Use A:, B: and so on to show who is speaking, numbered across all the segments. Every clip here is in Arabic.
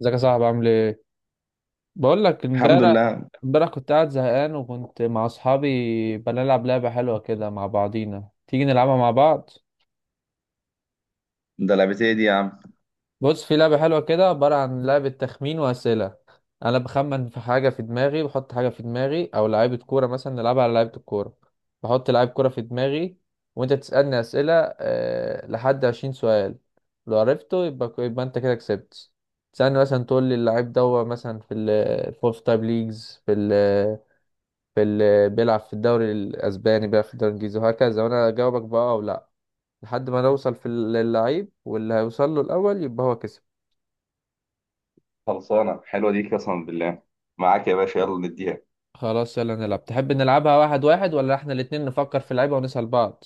A: ازيك يا صاحبي عامل ايه؟ بقول لك
B: الحمد
A: امبارح،
B: لله.
A: كنت قاعد زهقان وكنت مع اصحابي بنلعب لعبه حلوه كده مع بعضينا. تيجي نلعبها مع بعض؟
B: ده لعبتي دي يا عم.
A: بص، في لعبه حلوه كده عباره عن لعبه تخمين واسئله. انا بخمن في حاجه في دماغي، بحط حاجه في دماغي او لعيبه كوره مثلا، نلعبها على لعيبه الكوره. بحط لعيب كوره في دماغي وانت تسالني اسئله، أه لحد 20 سؤال. لو عرفته يبقى انت كده كسبت. تسألني مثلا تقول لي اللعيب ده هو مثلا في ال في تايب ليجز، في بيلعب في الدوري الاسباني، بيلعب في الدوري الانجليزي وهكذا، وانا اجاوبك بقى او لا، لحد ما نوصل للعيب، واللي هيوصل له الاول يبقى هو كسب.
B: خلصانة حلوة دي قسما بالله، معاك يا باشا يلا نديها.
A: خلاص يلا نلعب. تحب نلعبها واحد واحد، ولا احنا الاتنين نفكر في اللعيبة ونسأل بعض؟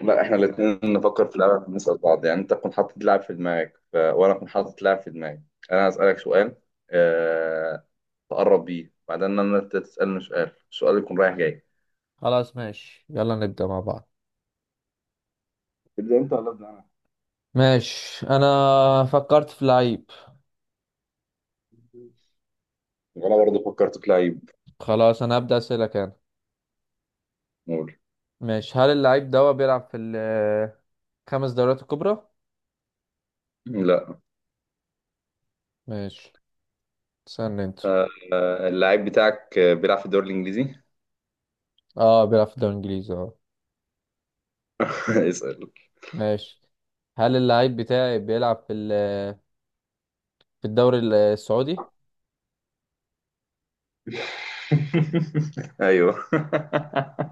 B: لا احنا الاتنين نفكر في لعبة نسأل بعض، يعني انت تكون حاطط لعب في دماغك وانا اكون حاطط لعب في دماغي. انا هسألك سؤال، أه... تقرب بيه بعدين انا انت تسألني سؤال، السؤال يكون رايح جاي.
A: خلاص ماشي، يلا نبدأ مع بعض.
B: تبدأ انت ولا ابدأ انا؟
A: ماشي، انا فكرت في لعيب.
B: وانا برضه فكرت في لعيب.
A: خلاص انا هبدأ اسألك انا.
B: قول.
A: ماشي، هل اللعيب ده بيلعب في الخمس دوريات الكبرى؟
B: لا.
A: ماشي، استنى انت.
B: أه... آه، اللعيب بتاعك آه، بيلعب في الدوري الانجليزي.
A: اه بيلعب في الدوري الانجليزي، اه.
B: اسأل.
A: ماشي، هل اللعيب بتاعي بيلعب في الدوري السعودي؟
B: ايوه.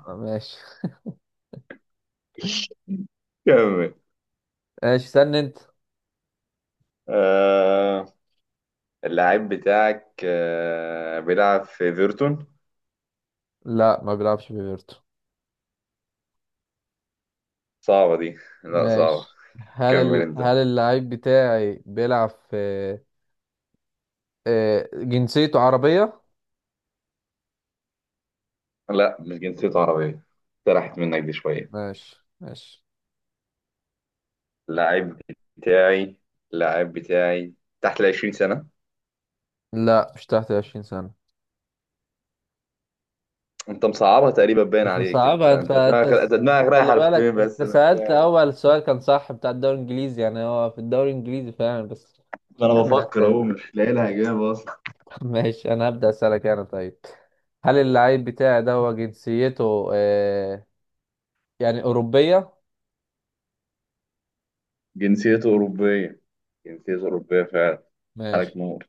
A: ماشي.
B: كمل.
A: استنى انت.
B: آه، اللاعب بتاعك آه بيلعب في ايفرتون.
A: لا ما بيلعبش في بيرتو.
B: صعبة دي، لا صعبة.
A: ماشي،
B: كمل انت.
A: هل اللعيب بتاعي بيلعب في آه، جنسيته عربية؟
B: لا مش جنسيته عربية، سرحت منك دي شوية.
A: ماشي، ماشي.
B: اللاعب بتاعي، اللاعب بتاعي تحت ال 20 سنة.
A: لا، مش تحت 20 سنة.
B: انت مصعبها تقريبا باين
A: مش
B: عليك، انت
A: مصعبة.
B: انت دماغك، انت دماغك
A: خلي
B: رايحة
A: بالك،
B: لفين
A: انت
B: بس انا مش
A: سألت
B: فاهم.
A: اول سؤال كان صح بتاع الدوري الانجليزي، يعني هو في الدوري الانجليزي فعلا، بس
B: ما انا
A: كمل
B: بفكر اهو،
A: اسئلة.
B: مش لاقي لها اجابة اصلا.
A: ماشي انا هبدأ اسألك انا طيب. هل اللعيب بتاعي ده هو جنسيته يعني أوروبية؟
B: جنسيته أوروبية؟ جنسيته أوروبية فعلا؟
A: ماشي.
B: عليك نور،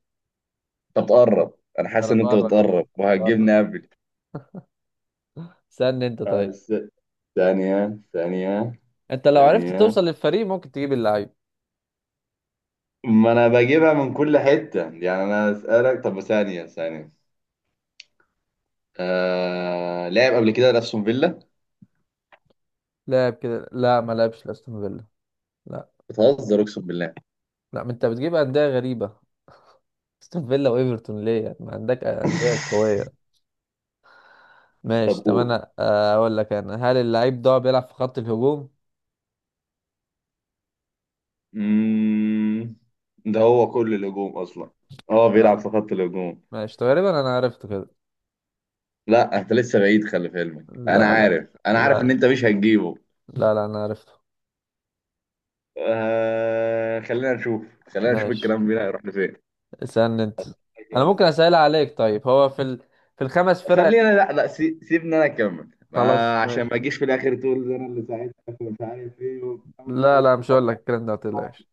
B: أنت بتقرب. أنا حاسس
A: انا
B: إن أنت
A: بره،
B: بتقرب
A: بره.
B: وهتجيبني قبل.
A: استنى انت طيب.
B: بس ثانية ثانية
A: انت لو عرفت
B: ثانية،
A: توصل للفريق ممكن تجيب اللعيب.
B: ما أنا بجيبها من كل حتة، يعني أنا أسألك، طب ثانية ثانية. لعب قبل كده لأستون فيلا؟
A: لاعب كده، لا ما لعبش لاستون فيلا. لا.
B: بتهزر أقسم بالله.
A: لا، ما انت بتجيب أندية غريبة. استون فيلا وايفرتون ليه؟ يعني ما عندك أندية قوية. ماشي،
B: طب
A: طب
B: قول.
A: انا آه، اقول لك انا، هل اللعيب ده بيلعب في خط الهجوم؟
B: مم... ده هو كل الهجوم أصلا. أه بيلعب في
A: اه
B: خط الهجوم.
A: ماشي، تقريبا انا عرفته كده.
B: لا أنت لسه بعيد، خلي في علمك أنا
A: لا،
B: عارف، أنا
A: لا
B: عارف إن
A: لا
B: أنت مش هتجيبه.
A: لا، انا عرفته.
B: خلينا نشوف، خلينا نشوف
A: ماشي،
B: الكلام بينا هيروح
A: اسألني انت. انا ممكن
B: لفين.
A: اسأل عليك طيب. في الخمس فرق؟
B: خلينا، لا سيبني انا اكمل،
A: خلاص
B: ما عشان
A: ماشي.
B: ما اجيش في الاخر تقول ده انا اللي ساعدتك ومش عارف ايه وبتاع وانت
A: لا لا،
B: اصلا.
A: مش هقول لك الكلام ده، ما تقلقش.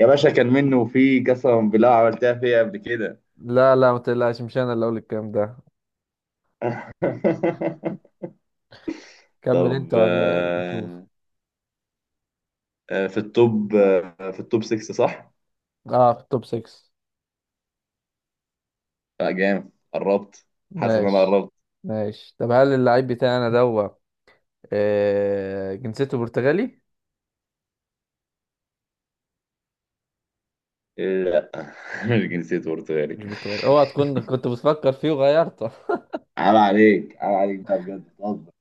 B: يا باشا كان منه في قسما بالله، عملتها فيا قبل كده.
A: لا لا، ما تقلقش، مش انا اللي اقول الكلام ده. كمل
B: طب
A: انت وانا نشوف.
B: آه، آه، في التوب، آه، في التوب 6 صح؟
A: اه في التوب 6.
B: لا جامد، قربت. حاسس ان انا
A: ماشي.
B: قربت.
A: ماشي، طب هل اللعيب بتاعي انا دوت آه، جنسيته برتغالي؟
B: إيه، لا. مش جنسية برتغالي.
A: مش برتغالي؟ اوعى تكون كنت بتفكر فيه وغيرته.
B: عيب عليك، عيب عليك ده بجد، بتهزر.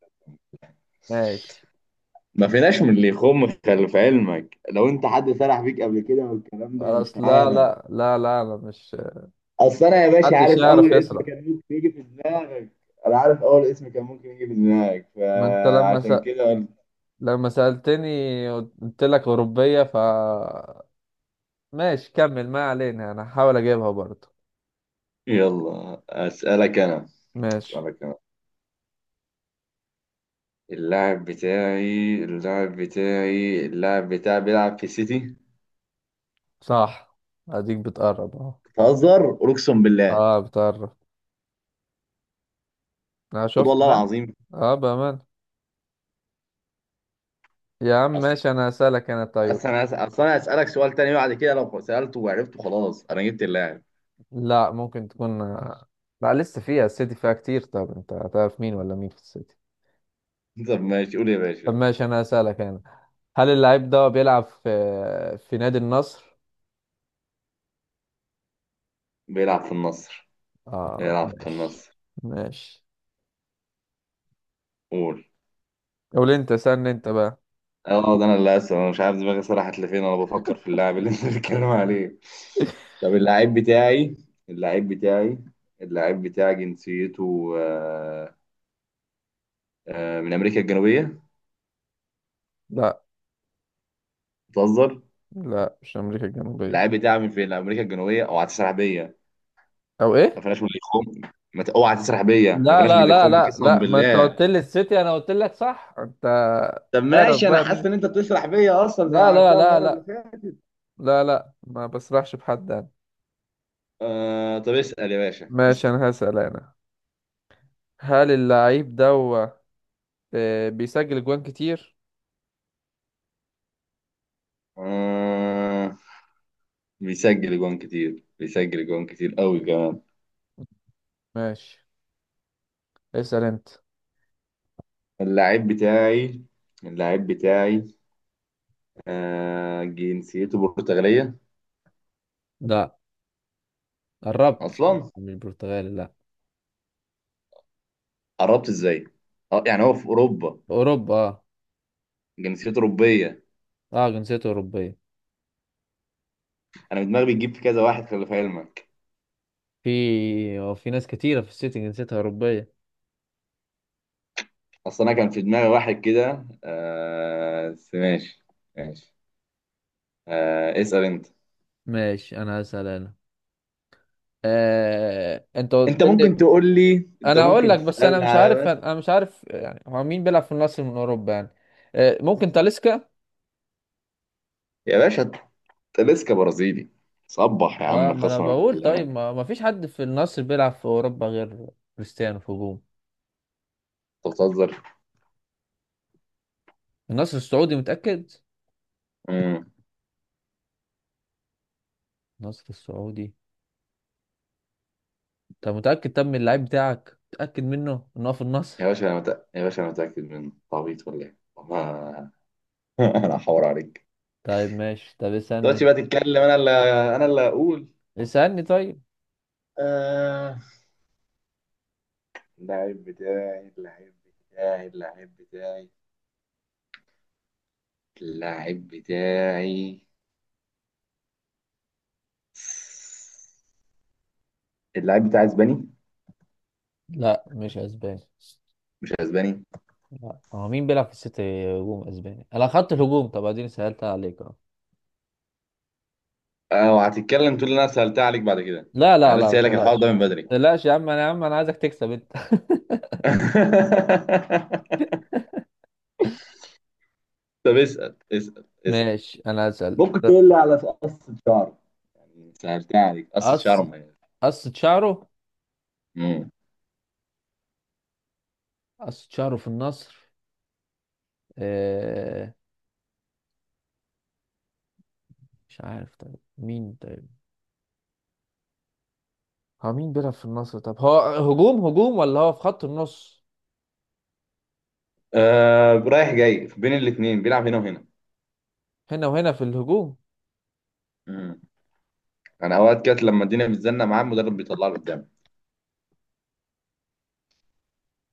A: ماشي.
B: ما فيناش من اللي يخم، خلف علمك لو انت حد سرح بيك قبل كده، والكلام ده مش
A: خلاص، لا
B: معانا.
A: لا لا لا انا مش،
B: اصل انا يا باشا
A: محدش
B: عارف
A: يعرف
B: اول اسم
A: يسرح.
B: كان ممكن يجي في دماغك. انا عارف اول اسم كان ممكن يجي في دماغك
A: ما انت
B: فعشان كده قلت.
A: لما سألتني قلت لك أوروبية، ف ماشي كمل، ما علينا، أنا هحاول أجيبها برضه.
B: يلا أسألك أنا،
A: ماشي،
B: أسألك أنا. اللاعب بتاعي اللاعب بتاعي بيلعب في السيتي.
A: صح. أديك بتقرب أهو.
B: بتهزر اقسم بالله.
A: أه بتقرب. أنا
B: قول
A: شفت
B: والله
A: بقى.
B: العظيم.
A: أه بأمان يا عم.
B: اصل،
A: ماشي، أنا هسألك أنا طيب.
B: اصل انا اسالك سؤال تاني بعد كده، لو سالته وعرفته خلاص انا جبت اللاعب.
A: لا، ممكن تكون. لا، لسه فيها، السيتي فيها كتير، طب أنت هتعرف مين ولا مين في السيتي؟
B: طب ماشي، قول يا
A: طب
B: باشا.
A: ماشي، أنا هسألك أنا، هل اللاعب ده بيلعب في نادي النصر؟
B: بيلعب في النصر؟
A: أه
B: بيلعب في
A: ماشي.
B: النصر.
A: ماشي.
B: قول.
A: قول أنت، سألني أنت بقى.
B: اه ده انا اللي اسف، انا مش عارف دماغي سرحت لفين، انا بفكر في اللاعب اللي انت بتتكلم عليه. طب اللاعب بتاعي، اللاعب بتاعي اللاعب بتاعي جنسيته آه، آه، من امريكا الجنوبيه.
A: لا
B: بتهزر.
A: لا، مش امريكا الجنوبيه.
B: اللاعب بتاعي من فين؟ امريكا الجنوبيه، اوعى تسرح بيا.
A: او
B: ما
A: ايه.
B: فيناش باللي يخم، ما ت- اوعى تسرح بيا، ما
A: لا
B: فيناش
A: لا امريكا،
B: باللي
A: لا
B: يخم
A: لا
B: قسما
A: لا ما انت قلت
B: بالله.
A: الجنوبيه، لي السيتي انا قلت لك صح انت.
B: طب
A: اعرف
B: ماشي، انا
A: بقى مين
B: حاسس ان
A: السيتي.
B: انت بتسرح بيا اصلا زي ما
A: لا لا
B: عملتها
A: لا
B: المره اللي
A: لا
B: فاتت.
A: لا، ما بسرحش بحد انا.
B: آه طب اسال يا باشا،
A: ماشي،
B: اسال.
A: انا هسأل انا، هل اللعيب ده هو آه، بيسجل جوان كتير؟
B: آه بيسجل جوان كتير؟ بيسجل جوان كتير، قوي كمان.
A: ماشي، اسأل انت.
B: اللاعب بتاعي، اللاعب بتاعي آه جنسيته برتغالية؟
A: لا، قربت.
B: أصلا
A: مش برتغالي لا.
B: قربت إزاي؟ أه يعني هو في أوروبا.
A: اوروبا اه.
B: جنسيته أوروبية.
A: اه جنسيته اوروبيه.
B: أنا دماغي بتجيب في كذا واحد، خلي في علمك.
A: في، هو في ناس كتيره في السيتي جنسيتها اوروبيه.
B: أصلا أنا كان في دماغي واحد كده آه، بس ماشي، ماشي. آه اسأل أنت.
A: ماشي انا هسأل انا. آه... انت قلت
B: أنت ممكن
A: لي.
B: تقول لي، أنت
A: انا اقول
B: ممكن
A: لك بس، انا
B: تسألني
A: مش
B: على
A: عارف،
B: بس.
A: انا مش عارف يعني هو مين بيلعب في النصر من اوروبا يعني. آه، ممكن تاليسكا.
B: يا باشا تلسكا برازيلي، صبح يا
A: اه،
B: عم
A: ما انا
B: قسما
A: بقول،
B: بالله
A: طيب
B: أنت.
A: ما فيش حد في النصر بيلعب في اوروبا غير كريستيانو في هجوم
B: بتهزر.
A: النصر السعودي، متأكد؟
B: مم.
A: النصر السعودي. طب متأكد؟ طب من اللعيب بتاعك متأكد منه ان هو في
B: يا
A: النصر؟
B: باشا أنا يا باشا أنا متأكد منه، أنت عبيط ولا إيه؟ والله. انا هحور عليك.
A: طيب ماشي، طب
B: دلوقتي
A: اسألني.
B: بقى تتكلم، انا اللي اقول.
A: اسألني طيب.
B: آه... اللعيب بتاعي اللعيب بتاعي اللعيب بتاعي اللعيب بتاعي اللعيب بتاعي اسباني؟
A: لا مش اسباني.
B: مش اسباني.
A: لا، هو مين بيلعب في السيتي هجوم اسباني؟ انا خدت الهجوم، طب اديني سألت عليك.
B: اه وهتتكلم تقول لي انا سألتها عليك بعد كده،
A: لا لا
B: انا
A: لا
B: لسه
A: ما
B: قايل لك الحوار
A: تقلقش.
B: ده من بدري.
A: ما تقلقش يا عم، انا يا عم انا عايزك تكسب انت.
B: طب اسأل، اسأل.
A: ماشي انا هسأل.
B: ممكن تقول لي على قصة شعر، يعني سألتها عليك قصة
A: قص،
B: شعر مميز.
A: قصة شعره.
B: مم.
A: قصة شعره في النصر؟ آه... مش عارف طيب، مين طيب؟ هو مين بيلعب في النصر؟ طب هو هجوم، هجوم ولا هو في خط النص؟
B: آه رايح جاي بين الاثنين، بيلعب هنا وهنا.
A: هنا وهنا في الهجوم؟
B: مم. انا اوقات كانت لما الدنيا بتزنق معاه المدرب بيطلع له قدام.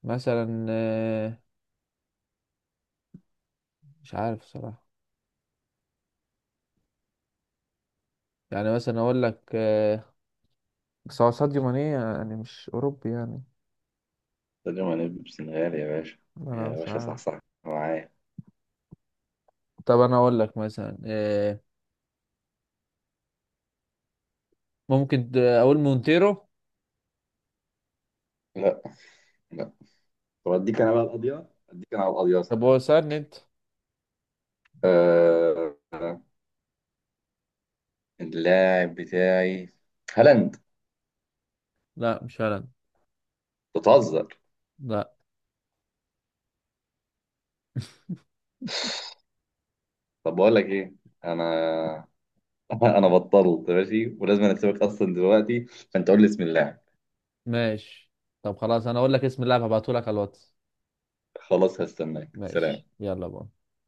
A: مثلا آه... مش عارف صراحة. يعني مثلا اقول لك آه... بس هو ساديو ماني يعني مش اوروبي يعني.
B: قلت له انا ابن سنغال يا باشا.
A: انا
B: يا
A: مش
B: باشا صح،
A: عارف.
B: صح، معايا.
A: طب انا اقول لك مثلا آه... ممكن اقول مونتيرو.
B: لا، لا. طب اديك انا بقى القضيه، اديك انا على القضيه، اسال
A: طب هو
B: انا.
A: سهل انت.
B: آه، اللاعب بتاعي هالاند.
A: لا مش هالاند.
B: بتهزر.
A: لا.
B: طب بقول لك ايه، انا انا بطلت ماشي، ولازم أنا اسيبك اصلا دلوقتي، فانت قول لي اسم اللاعب.
A: ماشي. طب خلاص انا اقول لك اسم اللاعب، هبعته لك على الواتس.
B: خلاص هستناك، سلام.
A: ماشي، يلا بقى.